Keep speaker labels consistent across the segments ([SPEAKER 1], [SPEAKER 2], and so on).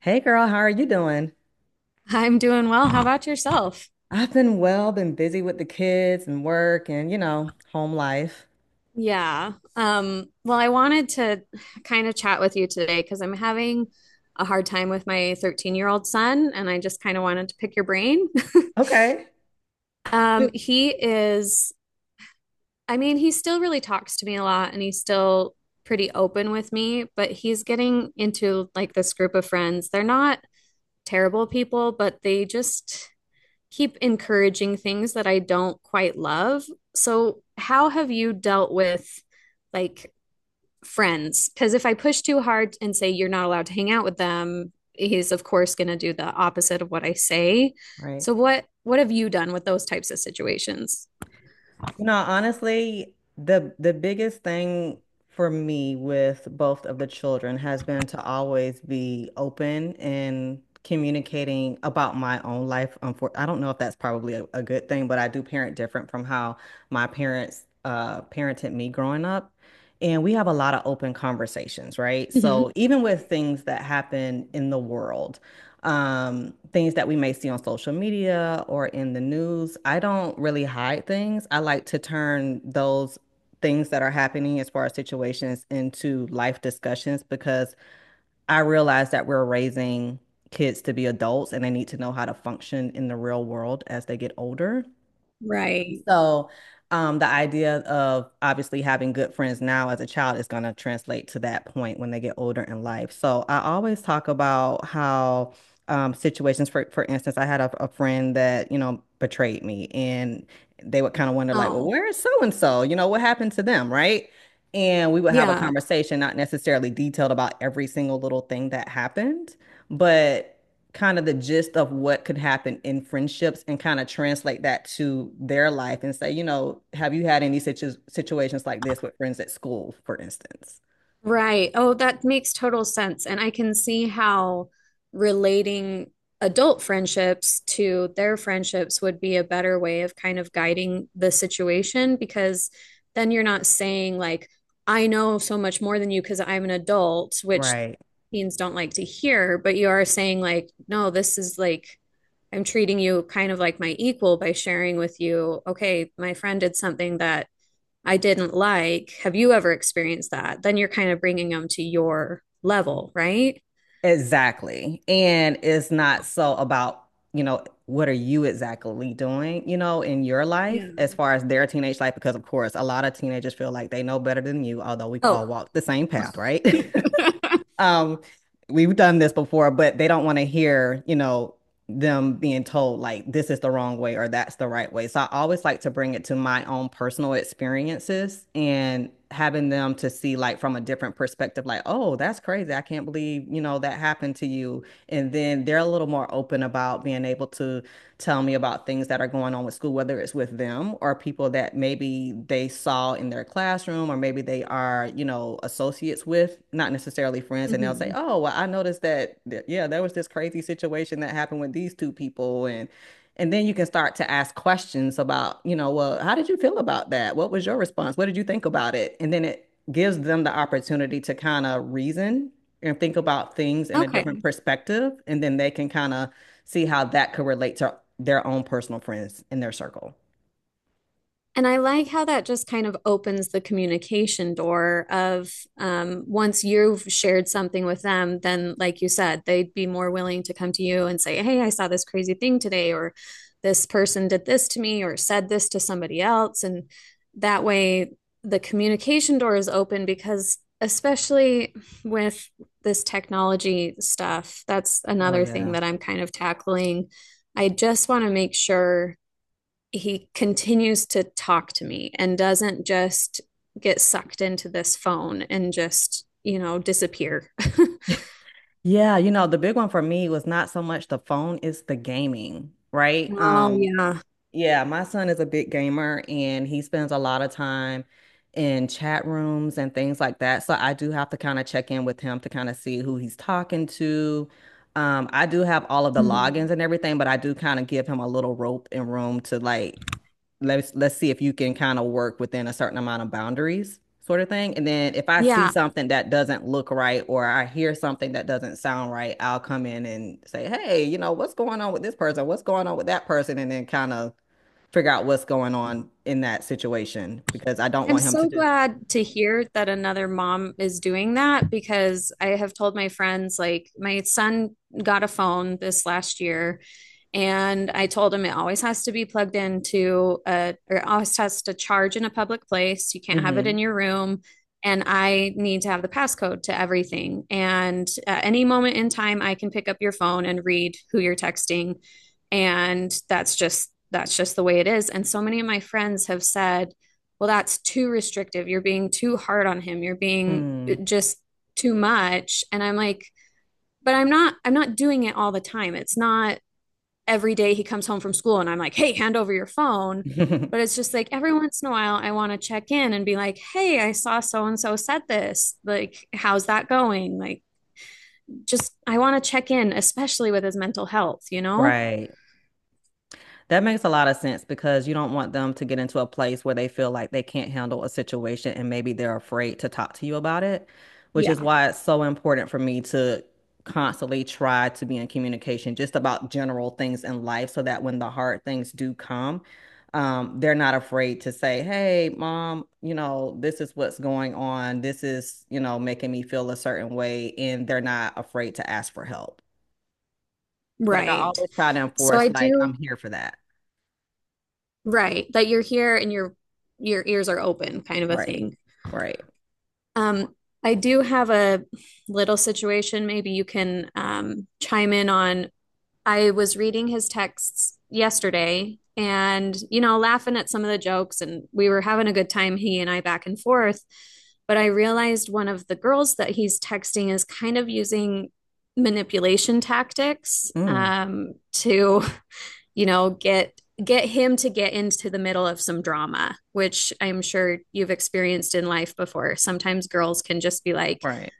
[SPEAKER 1] Hey girl, how are you doing?
[SPEAKER 2] I'm doing well. How about yourself?
[SPEAKER 1] I've been well, been busy with the kids and work and, you know, home life.
[SPEAKER 2] Yeah. I wanted to kind of chat with you today because I'm having a hard time with my 13-year-old son, and I just kind of wanted to pick your brain.
[SPEAKER 1] Okay. Hey,
[SPEAKER 2] Um, he is, I mean, he still really talks to me a lot and he's still pretty open with me, but he's getting into like this group of friends. They're not terrible people, but they just, keep encouraging things that I don't quite love. So, how have you dealt with like friends? Because if I push too hard and say you're not allowed to hang out with them, he's of course going to do the opposite of what I say.
[SPEAKER 1] right.
[SPEAKER 2] So, what have you done with those types of situations?
[SPEAKER 1] You know, honestly, the biggest thing for me with both of the children has been to always be open and communicating about my own life. I don't know if that's probably a good thing, but I do parent different from how my parents parented me growing up. And we have a lot of open conversations, right?
[SPEAKER 2] hmm
[SPEAKER 1] So even with things that happen in the world, things that we may see on social media or in the news. I don't really hide things. I like to turn those things that are happening as far as situations into life discussions because I realize that we're raising kids to be adults and they need to know how to function in the real world as they get older.
[SPEAKER 2] Right.
[SPEAKER 1] So, the idea of obviously having good friends now as a child is going to translate to that point when they get older in life. So, I always talk about how situations, for instance, I had a friend that, you know, betrayed me, and they would kind of wonder, like, well,
[SPEAKER 2] Oh,
[SPEAKER 1] where is so and so? You know, what happened to them, right? And we would have a
[SPEAKER 2] yeah.
[SPEAKER 1] conversation, not necessarily detailed about every single little thing that happened, but kind of the gist of what could happen in friendships and kind of translate that to their life and say, you know, have you had any situations like this with friends at school, for instance?
[SPEAKER 2] Right. Oh, that makes total sense. And I can see how relating adult friendships to their friendships would be a better way of kind of guiding the situation because then you're not saying, like, I know so much more than you because I'm an adult, which
[SPEAKER 1] Right.
[SPEAKER 2] teens don't like to hear, but you are saying, like, no, this is like, I'm treating you kind of like my equal by sharing with you, okay, my friend did something that I didn't like, have you ever experienced that? Then you're kind of bringing them to your level, right?
[SPEAKER 1] Exactly. And it's not so about, you know, what are you exactly doing, you know, in your
[SPEAKER 2] Yeah.
[SPEAKER 1] life as far as their teenage life? Because, of course, a lot of teenagers feel like they know better than you, although we've all
[SPEAKER 2] Oh,
[SPEAKER 1] walked the same path, right? Um, we've done this before, but they don't want to hear, you know, them being told like this is the wrong way or that's the right way. So I always like to bring it to my own personal experiences and having them to see like from a different perspective, like, oh, that's crazy. I can't believe, you know, that happened to you. And then they're a little more open about being able to tell me about things that are going on with school, whether it's with them or people that maybe they saw in their classroom or maybe they are, you know, associates with, not necessarily friends. And they'll say,
[SPEAKER 2] hmm
[SPEAKER 1] oh, well, I noticed that, yeah, there was this crazy situation that happened with these two people. And then you can start to ask questions about, you know, well, how did you feel about that? What was your response? What did you think about it? And then it gives them the opportunity to kind of reason and think about things in a different
[SPEAKER 2] okay.
[SPEAKER 1] perspective. And then they can kind of see how that could relate to their own personal friends in their circle.
[SPEAKER 2] And I like how that just kind of opens the communication door of once you've shared something with them, then, like you said, they'd be more willing to come to you and say, hey, I saw this crazy thing today, or this person did this to me, or said this to somebody else. And that way, the communication door is open because, especially with this technology stuff, that's
[SPEAKER 1] Oh,
[SPEAKER 2] another thing
[SPEAKER 1] yeah.
[SPEAKER 2] that I'm kind of tackling. I just want to make sure he continues to talk to me and doesn't just get sucked into this phone and just, disappear.
[SPEAKER 1] Yeah, you know, the big one for me was not so much the phone, it's the gaming, right?
[SPEAKER 2] Oh, yeah.
[SPEAKER 1] Yeah, my son is a big gamer and he spends a lot of time in chat rooms and things like that. So I do have to kind of check in with him to kind of see who he's talking to. I do have all of the
[SPEAKER 2] Mhm.
[SPEAKER 1] logins and everything, but I do kind of give him a little rope and room to like let's see if you can kind of work within a certain amount of boundaries, sort of thing. And then if I see
[SPEAKER 2] Yeah.
[SPEAKER 1] something that doesn't look right or I hear something that doesn't sound right, I'll come in and say, "Hey, you know, what's going on with this person? What's going on with that person?" And then kind of figure out what's going on in that situation because I don't
[SPEAKER 2] I'm
[SPEAKER 1] want him to
[SPEAKER 2] so
[SPEAKER 1] just.
[SPEAKER 2] glad to hear that another mom is doing that because I have told my friends, like, my son got a phone this last year, and I told him it always has to be plugged into a, or it always has to charge in a public place. You can't have it in
[SPEAKER 1] Hmm.
[SPEAKER 2] your room. And I need to have the passcode to everything. And at any moment in time, I can pick up your phone and read who you're texting. And that's just the way it is. And so many of my friends have said, well, that's too restrictive. You're being too hard on him. You're being
[SPEAKER 1] Mm.
[SPEAKER 2] just too much. And I'm like, but I'm not doing it all the time. It's not every day he comes home from school and I'm like, hey, hand over your phone. But it's just like every once in a while, I want to check in and be like, hey, I saw so and so said this. Like, how's that going? Like, just I want to check in, especially with his mental health, you know?
[SPEAKER 1] Right. That makes a lot of sense because you don't want them to get into a place where they feel like they can't handle a situation and maybe they're afraid to talk to you about it, which is
[SPEAKER 2] Yeah.
[SPEAKER 1] why it's so important for me to constantly try to be in communication just about general things in life so that when the hard things do come, they're not afraid to say, Hey, mom, you know, this is what's going on. This is, you know, making me feel a certain way. And they're not afraid to ask for help. Like I
[SPEAKER 2] Right.
[SPEAKER 1] always try to
[SPEAKER 2] So I
[SPEAKER 1] enforce, like, I'm
[SPEAKER 2] do,
[SPEAKER 1] here for that.
[SPEAKER 2] right, that you're here and your ears are open kind of a
[SPEAKER 1] Right.
[SPEAKER 2] thing.
[SPEAKER 1] Right.
[SPEAKER 2] Um, I do have a little situation maybe you can chime in on. I was reading his texts yesterday and, you know, laughing at some of the jokes, and we were having a good time, he and I back and forth. But I realized one of the girls that he's texting is kind of using manipulation tactics
[SPEAKER 1] Mm,
[SPEAKER 2] to, you know, get him to get into the middle of some drama, which I'm sure you've experienced in life before. Sometimes girls can just be like,
[SPEAKER 1] right.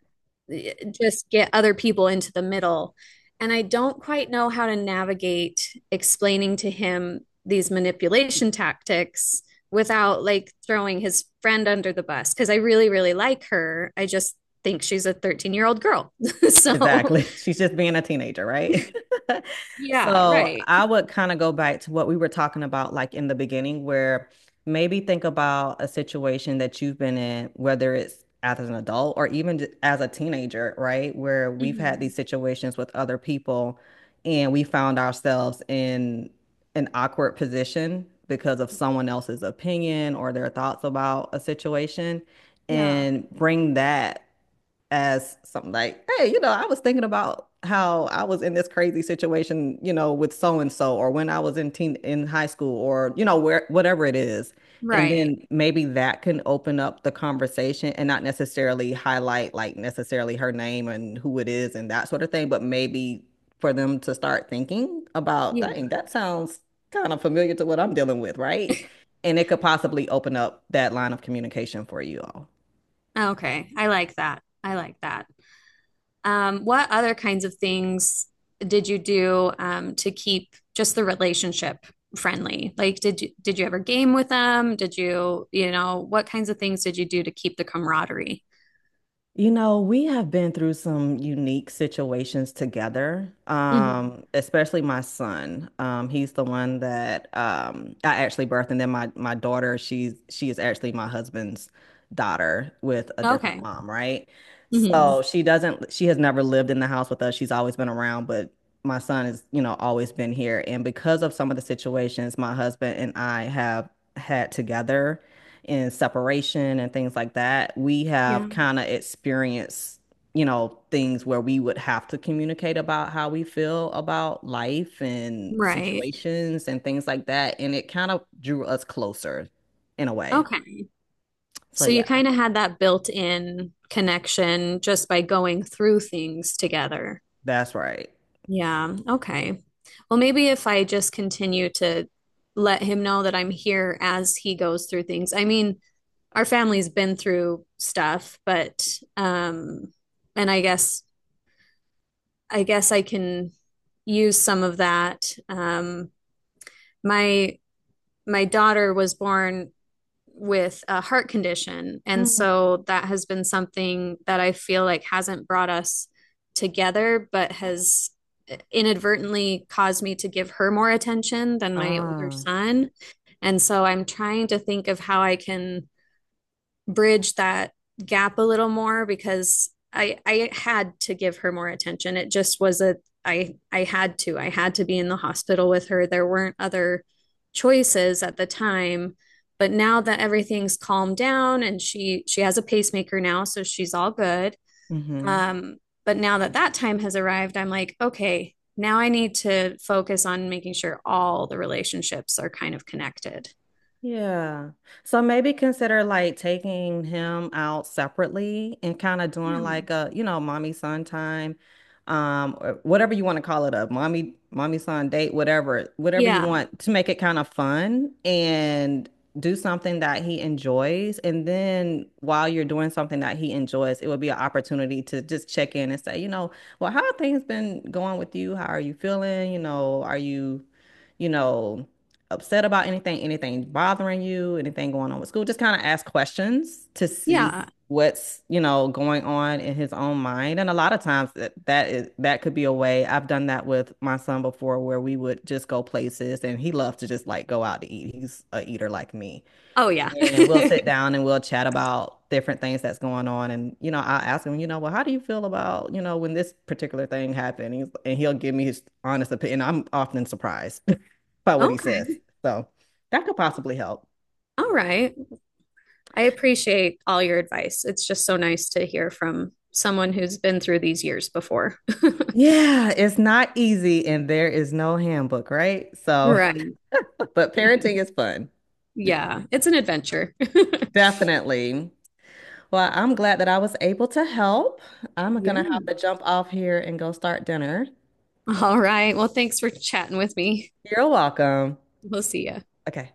[SPEAKER 2] just get other people into the middle. And I don't quite know how to navigate explaining to him these manipulation tactics without like throwing his friend under the bus because I really, really like her. I just think she's a 13-year-old girl. So,
[SPEAKER 1] Exactly. She's just being a teenager, right?
[SPEAKER 2] yeah,
[SPEAKER 1] So
[SPEAKER 2] right.
[SPEAKER 1] I would kind of go back to what we were talking about, like in the beginning, where maybe think about a situation that you've been in, whether it's as an adult or even as a teenager, right? Where we've had
[SPEAKER 2] Mhm.
[SPEAKER 1] these situations with other people and we found ourselves in an awkward position because of someone else's opinion or their thoughts about a situation
[SPEAKER 2] Yeah,
[SPEAKER 1] and bring that as something like, hey, you know, I was thinking about how I was in this crazy situation, you know, with so and so, or when I was in teen in high school, or you know, where whatever it is. And
[SPEAKER 2] right.
[SPEAKER 1] then maybe that can open up the conversation and not necessarily highlight like necessarily her name and who it is and that sort of thing, but maybe for them to start thinking about,
[SPEAKER 2] Yeah.
[SPEAKER 1] dang, that sounds kind of familiar to what I'm dealing with, right? And it could possibly open up that line of communication for you all.
[SPEAKER 2] Okay. I like that. I like that. What other kinds of things did you do to keep just the relationship friendly? Like, did you ever game with them? Did you, you know, what kinds of things did you do to keep the camaraderie?
[SPEAKER 1] You know, we have been through some unique situations together,
[SPEAKER 2] Mhm.
[SPEAKER 1] especially my son. He's the one that I actually birthed, and then my daughter, she is actually my husband's daughter with a different
[SPEAKER 2] Okay.
[SPEAKER 1] mom, right?
[SPEAKER 2] hmm
[SPEAKER 1] So she doesn't, she has never lived in the house with us. She's always been around, but my son has, you know, always been here. And because of some of the situations my husband and I have had together and separation and things like that, we have
[SPEAKER 2] Yeah.
[SPEAKER 1] kind of experienced, you know, things where we would have to communicate about how we feel about life and
[SPEAKER 2] Right.
[SPEAKER 1] situations and things like that. And it kind of drew us closer in a way.
[SPEAKER 2] Okay.
[SPEAKER 1] So
[SPEAKER 2] So you
[SPEAKER 1] yeah,
[SPEAKER 2] kind of had that built-in connection just by going through things together.
[SPEAKER 1] that's right.
[SPEAKER 2] Yeah. Okay. Well, maybe if I just continue to let him know that I'm here as he goes through things. I mean, our family's been through stuff, but um and I guess I can use some of that. My my daughter was born with a heart condition. And
[SPEAKER 1] Mhm.
[SPEAKER 2] so that has been something that I feel like hasn't brought us together, but has inadvertently caused me to give her more attention than my older
[SPEAKER 1] Ah,
[SPEAKER 2] son. And so I'm trying to think of how I can bridge that gap a little more because I had to give her more attention. It just was a I had to. I had to be in the hospital with her. There weren't other choices at the time, but now that everything's calmed down and she has a pacemaker now, so she's all good.
[SPEAKER 1] mm-hmm.
[SPEAKER 2] Um, but now that that time has arrived, I'm like, okay, now I need to focus on making sure all the relationships are kind of connected.
[SPEAKER 1] Yeah. So maybe consider like taking him out separately and kind of doing
[SPEAKER 2] Yeah.
[SPEAKER 1] like a, you know, mommy son time, or whatever you want to call it a mommy, mommy son date, whatever, whatever you
[SPEAKER 2] Yeah.
[SPEAKER 1] want to make it kind of fun and do something that he enjoys. And then while you're doing something that he enjoys, it would be an opportunity to just check in and say, you know, well, how have things been going with you? How are you feeling? You know, are you, you know, upset about anything, anything bothering you, anything going on with school. Just kind of ask questions to see
[SPEAKER 2] Yeah.
[SPEAKER 1] what's, you know, going on in his own mind. And a lot of times that that is that could be a way. I've done that with my son before where we would just go places and he loves to just like go out to eat. He's a eater like me.
[SPEAKER 2] Oh yeah.
[SPEAKER 1] And we'll sit down and we'll chat about different things that's going on. And, you know, I'll ask him, you know, well, how do you feel about, you know, when this particular thing happened? And he'll give me his honest opinion. I'm often surprised by what he says.
[SPEAKER 2] Okay.
[SPEAKER 1] So that could possibly help.
[SPEAKER 2] All right. I appreciate all your advice. It's just so nice to hear from someone who's been through these years before.
[SPEAKER 1] Yeah, it's not easy and there is no handbook, right? So,
[SPEAKER 2] Right.
[SPEAKER 1] but parenting is fun.
[SPEAKER 2] Yeah, it's an adventure.
[SPEAKER 1] Definitely. Well, I'm glad that I was able to help. I'm gonna have to
[SPEAKER 2] Yeah.
[SPEAKER 1] jump off here and go start dinner.
[SPEAKER 2] All right. Well, thanks for chatting with me.
[SPEAKER 1] You're welcome.
[SPEAKER 2] We'll see you.
[SPEAKER 1] Okay.